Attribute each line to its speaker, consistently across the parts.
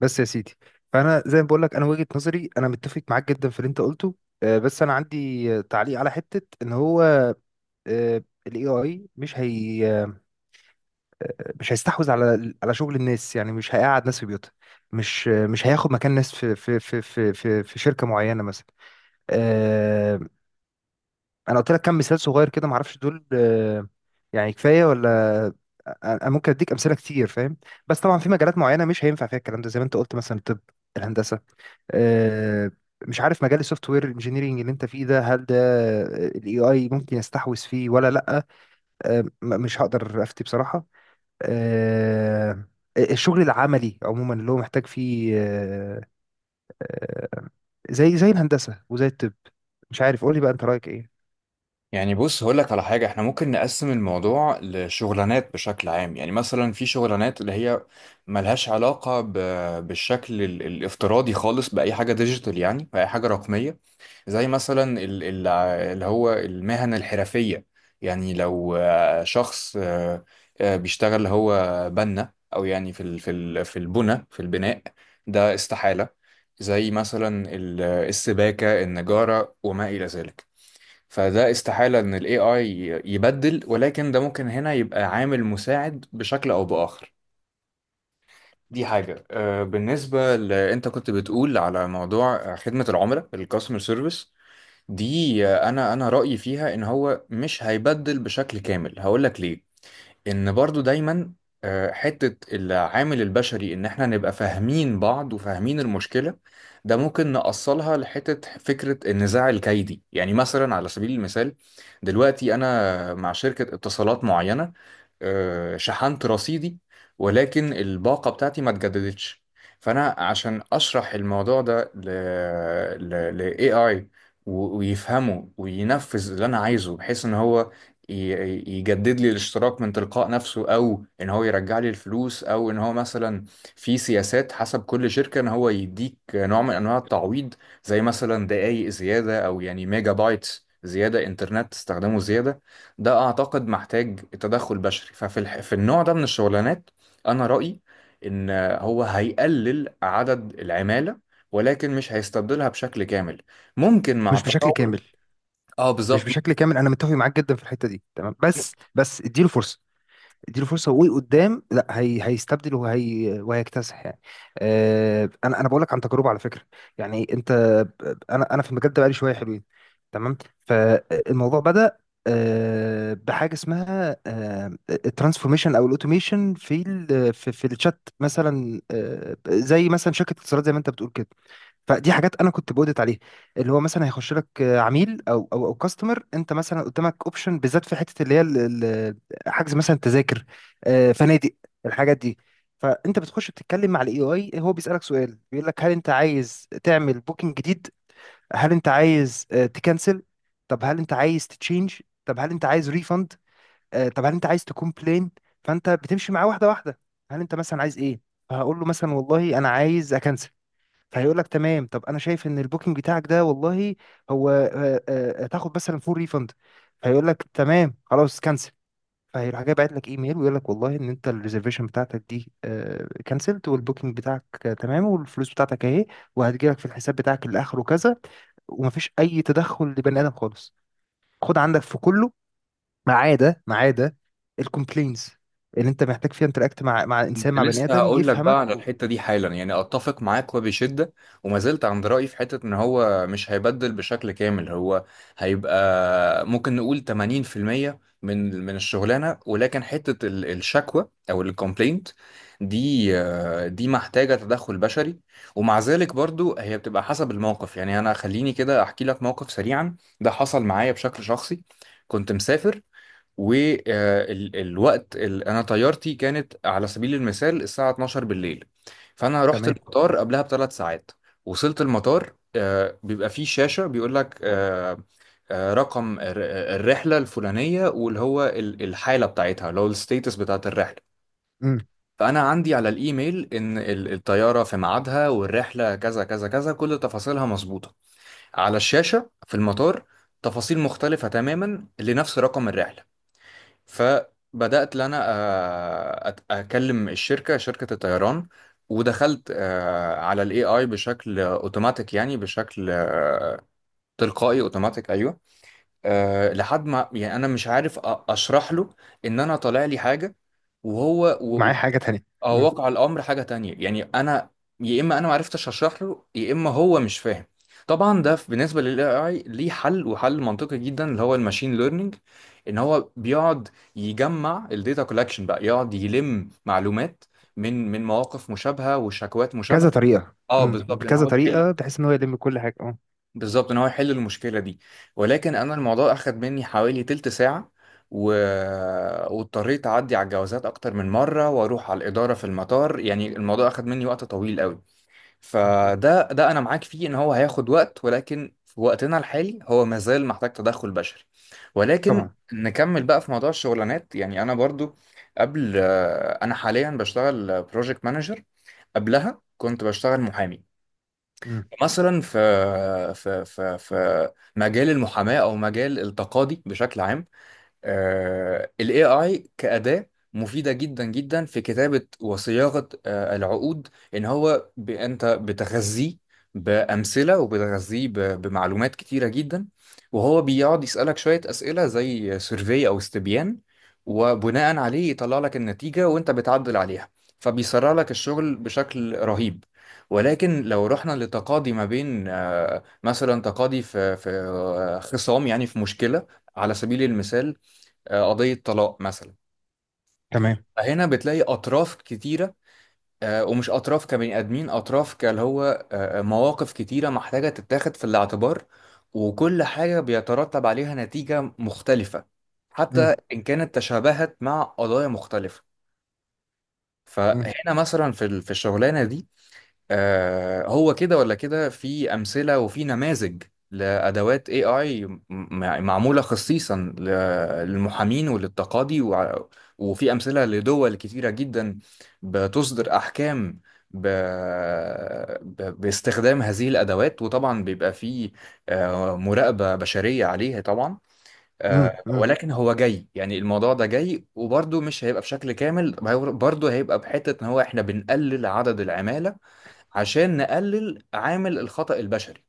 Speaker 1: بس يا سيدي، فانا زي ما بقول لك انا وجهة نظري، انا متفق معاك جدا في اللي انت قلته. بس انا عندي تعليق على حتة ان هو الاي اي مش هي آه، مش هيستحوذ على شغل الناس، يعني مش هيقعد ناس في بيوتها. مش هياخد مكان ناس في شركة معينة مثلا. آه، انا قلت لك كم مثال صغير كده، معرفش دول. يعني كفايه ولا؟ انا ممكن اديك امثله كتير، فاهم؟ بس طبعا في مجالات معينه مش هينفع فيها الكلام ده، زي ما انت قلت، مثلا الطب، الهندسه. آه، مش عارف مجال السوفت وير انجينيرنج اللي انت فيه ده، هل ده الاي اي ممكن يستحوذ فيه ولا لا؟ مش هقدر افتي بصراحه. آه، الشغل العملي عموما اللي هو محتاج فيه آه، زي الهندسه وزي الطب. مش عارف، قولي بقى انت رايك ايه؟
Speaker 2: يعني بص هقول لك على حاجة، احنا ممكن نقسم الموضوع لشغلانات بشكل عام، يعني مثلا في شغلانات اللي هي ملهاش علاقة بالشكل الافتراضي خالص بأي حاجة ديجيتال، يعني بأي حاجة رقمية. زي مثلا اللي هو المهن الحرفية. يعني لو شخص بيشتغل اللي هو بنا، أو يعني في ال- في ال- في البنى في البناء، ده استحالة. زي مثلا السباكة، النجارة وما إلى ذلك. فده استحالة ان ال AI يبدل، ولكن ده ممكن هنا يبقى عامل مساعد بشكل او باخر. دي حاجة. بالنسبة انت كنت بتقول على موضوع خدمة العملاء، الكاستمر سيرفيس. دي، انا رأيي فيها ان هو مش هيبدل بشكل كامل، هقول لك ليه. ان برضو دايما حتة العامل البشري، ان احنا نبقى فاهمين بعض وفاهمين المشكلة. ده ممكن نقصلها لحتة فكرة النزاع الكيدي. يعني مثلا على سبيل المثال، دلوقتي انا مع شركة اتصالات معينة، شحنت رصيدي ولكن الباقة بتاعتي ما اتجددتش. فأنا عشان أشرح الموضوع ده ل AI، ويفهمه وينفذ اللي أنا عايزه، بحيث إن هو يجدد لي الاشتراك من تلقاء نفسه، أو إن هو يرجع لي الفلوس، أو إن هو مثلا، في سياسات حسب كل شركة، إن هو يديك نوع من أنواع التعويض. زي مثلا دقايق زيادة، أو يعني ميجا بايتس زيادة، إنترنت تستخدمه زيادة. ده اعتقد محتاج تدخل بشري. في النوع ده من الشغلانات، انا رأيي ان هو هيقلل عدد العمالة، ولكن مش هيستبدلها بشكل كامل. ممكن مع
Speaker 1: مش بشكل
Speaker 2: التطور.
Speaker 1: كامل.
Speaker 2: اه
Speaker 1: مش
Speaker 2: بالظبط.
Speaker 1: بشكل كامل، انا متفق معاك جدا في الحته دي، تمام. بس اديله فرصه، اديله فرصه، وقدام لا هي هيستبدل وهيكتسح يعني. انا بقول لك عن تجربه، على فكره. يعني انا في المجال ده بقالي شويه حلوين، تمام. فالموضوع بدأ بحاجه اسمها الترانسفورميشن او الاوتوميشن في في الشات مثلا، زي مثلا شركه اتصالات زي ما انت بتقول كده. فدي حاجات انا كنت بودت عليها، اللي هو مثلا هيخش لك عميل او كاستمر، انت مثلا قدامك اوبشن، بالذات في حته اللي هي ال- حجز مثلا تذاكر، فنادق، الحاجات دي. فانت بتخش بتتكلم مع الاي اي، هو بيسالك سؤال، بيقول لك هل انت عايز تعمل بوكينج جديد؟ هل انت عايز تكنسل؟ طب هل انت عايز تتشينج؟ طب هل انت عايز ريفند؟ طب هل انت عايز تكومبلين؟ فانت بتمشي معاه واحده واحده، هل انت مثلا عايز ايه؟ فهقول له مثلا والله انا عايز اكنسل. فهيقول لك تمام، طب انا شايف ان البوكينج بتاعك ده والله هو تاخد مثلا فول ريفند. فيقول لك تمام خلاص، كنسل. فهيروح جاي باعت لك ايميل، ويقول لك والله ان انت الريزرفيشن بتاعتك دي كنسلت، والبوكينج بتاعك تمام، والفلوس بتاعتك اهي وهتجي لك في الحساب بتاعك اللي اخره كذا. ومفيش اي تدخل لبني ادم خالص، خد عندك في كله، ما عدا الكومبلينز اللي انت محتاج فيها انتراكت مع انسان،
Speaker 2: كنت
Speaker 1: مع بني
Speaker 2: لسه
Speaker 1: ادم
Speaker 2: هقول لك بقى على
Speaker 1: يفهمك.
Speaker 2: الحته دي حالا، يعني اتفق معاك وبشده، وما زلت عند رايي في حته ان هو مش هيبدل بشكل كامل. هو هيبقى ممكن نقول 80% من الشغلانه، ولكن حته الشكوى او الكومبلينت دي، دي محتاجه تدخل بشري. ومع ذلك برضو هي بتبقى حسب الموقف. يعني انا خليني كده احكي لك موقف سريعا، ده حصل معايا بشكل شخصي. كنت مسافر، والوقت اللي انا طيارتي كانت على سبيل المثال الساعة 12 بالليل. فانا رحت
Speaker 1: تمام.
Speaker 2: المطار قبلها بثلاث ساعات. وصلت المطار، بيبقى فيه شاشة بيقول لك رقم الرحلة الفلانية، واللي هو الحالة بتاعتها، اللي هو الستيتس بتاعت الرحلة.
Speaker 1: مم.
Speaker 2: فأنا عندي على الإيميل إن الطيارة في ميعادها والرحلة كذا كذا كذا، كل تفاصيلها مظبوطة. على الشاشة في المطار، تفاصيل مختلفة تماما لنفس رقم الرحلة. فبدأت ان انا اكلم الشركة، شركة الطيران، ودخلت على الاي اي بشكل اوتوماتيك، يعني بشكل تلقائي، اوتوماتيك، ايوه. لحد ما يعني انا مش عارف اشرح له ان انا طالع لي حاجة، وهو
Speaker 1: ومعاه حاجه تانية.
Speaker 2: هو
Speaker 1: امم.
Speaker 2: واقع الامر حاجه تانية. يعني انا، يا اما انا ما عرفتش اشرح له، يا اما هو مش فاهم. طبعا ده بالنسبه للاي اي ليه حل، وحل منطقي جدا، اللي هو الماشين ليرنينج. ان هو بيقعد يجمع الداتا كولكشن، بقى يقعد يلم معلومات من مواقف مشابهه وشكوات
Speaker 1: كذا
Speaker 2: مشابهه.
Speaker 1: طريقة
Speaker 2: اه بالظبط ان
Speaker 1: بكذا
Speaker 2: هو يحل،
Speaker 1: طريقة بحيث ان هو يلم كل حاجة، اه.
Speaker 2: المشكله دي. ولكن
Speaker 1: مم.
Speaker 2: انا الموضوع اخد مني حوالي تلت ساعه و... واضطريت اعدي على الجوازات اكتر من مره واروح على الاداره في المطار. يعني الموضوع اخد مني وقت طويل قوي.
Speaker 1: مم.
Speaker 2: فده، ده انا معاك فيه ان هو هياخد وقت، ولكن في وقتنا الحالي هو مازال محتاج تدخل بشري. ولكن
Speaker 1: طبعا.
Speaker 2: نكمل بقى في موضوع الشغلانات. يعني انا برضو، قبل، انا حاليا بشتغل بروجكت مانجر، قبلها كنت بشتغل محامي.
Speaker 1: امم.
Speaker 2: مثلا في مجال المحاماه او مجال التقاضي بشكل عام، ال AI كأداة مفيدة جدا جدا في كتابة وصياغة العقود. إن هو أنت بتغذيه بأمثلة وبتغذيه بمعلومات كتيرة جدا. وهو بيقعد يسألك شوية أسئلة زي سيرفي أو استبيان، وبناء عليه يطلع لك النتيجة وأنت بتعدل عليها. فبيسرع لك الشغل بشكل رهيب. ولكن لو رحنا لتقاضي ما بين مثلا تقاضي في خصام، يعني في مشكلة. على سبيل المثال، قضية طلاق مثلا،
Speaker 1: تمام.
Speaker 2: فهنا بتلاقي أطراف كتيرة، ومش أطراف كبني آدمين، أطراف كاللي هو، مواقف كتيرة محتاجة تتاخد في الاعتبار، وكل حاجة بيترتب عليها نتيجة مختلفة، حتى
Speaker 1: امم،
Speaker 2: إن كانت تشابهت مع قضايا مختلفة.
Speaker 1: امم،
Speaker 2: فهنا مثلا في الشغلانة دي، هو كده ولا كده، في أمثلة وفي نماذج لأدوات AI معمولة خصيصا للمحامين وللتقاضي وفي أمثلة لدول كتيرة جدا، بتصدر أحكام ب... باستخدام هذه الأدوات. وطبعا بيبقى في مراقبة بشرية عليها طبعا.
Speaker 1: امم، امم.
Speaker 2: ولكن هو جاي، يعني الموضوع ده جاي، وبرضه مش هيبقى بشكل كامل. برضه هيبقى بحتة إن هو إحنا بنقلل عدد العمالة عشان نقلل عامل الخطأ البشري.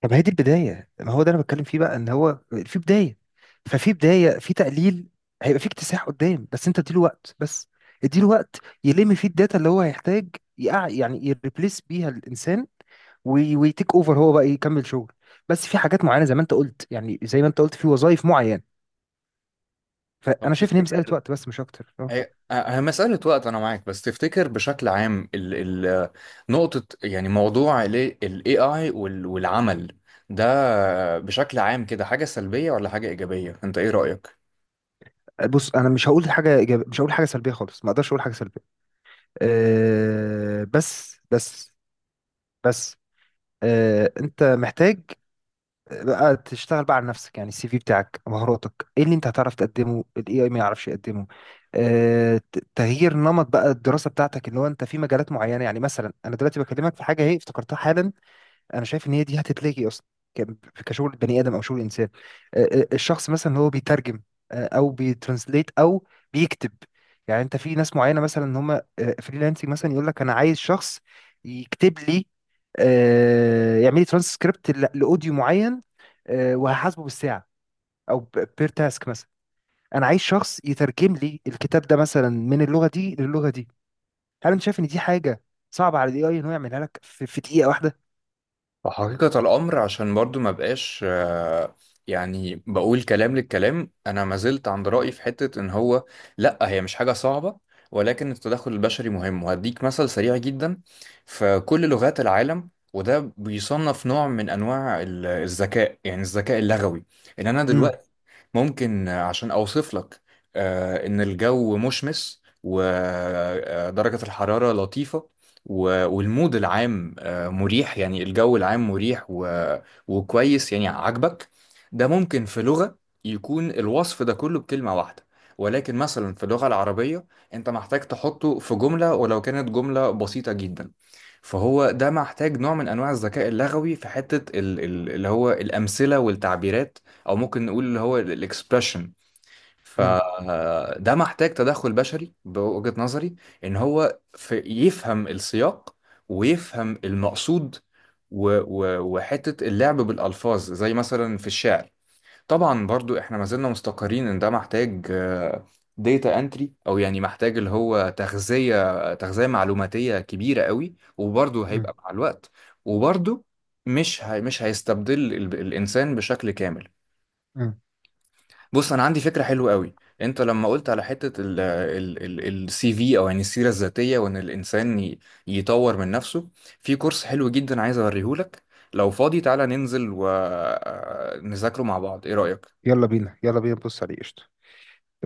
Speaker 1: طب هي دي البداية، ما هو ده انا بتكلم فيه بقى، ان هو في بداية. ففي بداية في تقليل. هيبقى في اكتساح قدام، بس انت اديله وقت، بس اديله وقت يلم فيه الداتا اللي هو هيحتاج، يقع يعني يريبليس بيها الانسان ويتيك اوفر هو بقى يكمل شغل. بس في حاجات معينة زي ما انت قلت، يعني زي ما انت قلت، في وظائف معينة.
Speaker 2: طب
Speaker 1: فانا شايف ان هي مسألة
Speaker 2: تفتكر،
Speaker 1: وقت بس مش اكتر.
Speaker 2: هي مسألة وقت، أنا معاك، بس تفتكر بشكل عام، ال نقطة، يعني موضوع ال AI والعمل ده بشكل عام كده، حاجة سلبية ولا حاجة إيجابية؟ أنت إيه رأيك؟
Speaker 1: بص، انا مش هقول حاجه إيجابية، مش هقول حاجه سلبيه خالص، ما اقدرش اقول حاجه سلبيه. أه بس بس بس انت محتاج بقى تشتغل بقى على نفسك، يعني السي في بتاعك، مهاراتك ايه اللي انت هتعرف تقدمه الاي اي ما يعرفش يقدمه. تغيير نمط بقى الدراسه بتاعتك اللي هو انت في مجالات معينه، يعني مثلا انا دلوقتي بكلمك في حاجه اهي افتكرتها حالا. انا شايف ان هي دي هتتلغي اصلا كشغل بني ادم او شغل انسان. الشخص مثلا هو بيترجم، او بيترانسليت او بيكتب. يعني انت في ناس معينه مثلا ان هم فريلانسنج، مثلا يقول لك انا عايز شخص يكتب لي، يعمل لي ترانسكريبت لاوديو معين، وهحاسبه بالساعه، او بير تاسك مثلا. انا عايز شخص يترجم لي الكتاب ده مثلا من اللغه دي للغه دي. هل انت شايف ان دي حاجه صعبه على الاي اي ان هو يعملها لك في دقيقه واحده؟
Speaker 2: حقيقة الأمر، عشان برضو ما بقاش يعني بقول كلام للكلام، أنا ما زلت عند رأيي في حتة إن هو، لأ، هي مش حاجة صعبة. ولكن التدخل البشري مهم، وهديك مثل سريع جدا. في كل لغات العالم، وده بيصنف نوع من أنواع الذكاء، يعني الذكاء اللغوي. إن أنا
Speaker 1: امم.
Speaker 2: دلوقتي ممكن عشان أوصف لك إن الجو مشمس ودرجة الحرارة لطيفة، والمود العام مريح، يعني الجو العام مريح وكويس، يعني عاجبك. ده ممكن في لغة يكون الوصف ده كله بكلمة واحدة، ولكن مثلا في اللغة العربية، أنت محتاج تحطه في جملة ولو كانت جملة بسيطة جدا. فهو ده محتاج نوع من أنواع الذكاء اللغوي في حتة اللي هو الأمثلة والتعبيرات، او ممكن نقول اللي هو الاكسبريشن.
Speaker 1: إمم،
Speaker 2: فده محتاج تدخل بشري بوجهة نظري، ان هو في يفهم السياق ويفهم المقصود، و و وحتة اللعب بالالفاظ، زي مثلا في الشعر. طبعا برضو احنا ما زلنا مستقرين ان ده محتاج ديتا انتري، او يعني محتاج اللي هو تغذية تغذية معلوماتية كبيرة قوي، وبرضو هيبقى
Speaker 1: إمم.
Speaker 2: مع الوقت. وبرضو، مش هيستبدل الانسان بشكل كامل.
Speaker 1: مم.
Speaker 2: بص انا عندي فكره حلوه قوي. انت لما قلت على حته السي في، او يعني السيره الذاتيه، وان الانسان يطور من نفسه، في كورس حلو جدا عايز اوريهولك. لو فاضي تعالى ننزل ونذاكره مع بعض، ايه رايك؟
Speaker 1: يلا بينا، يلا بينا نبص عليه، قشطة.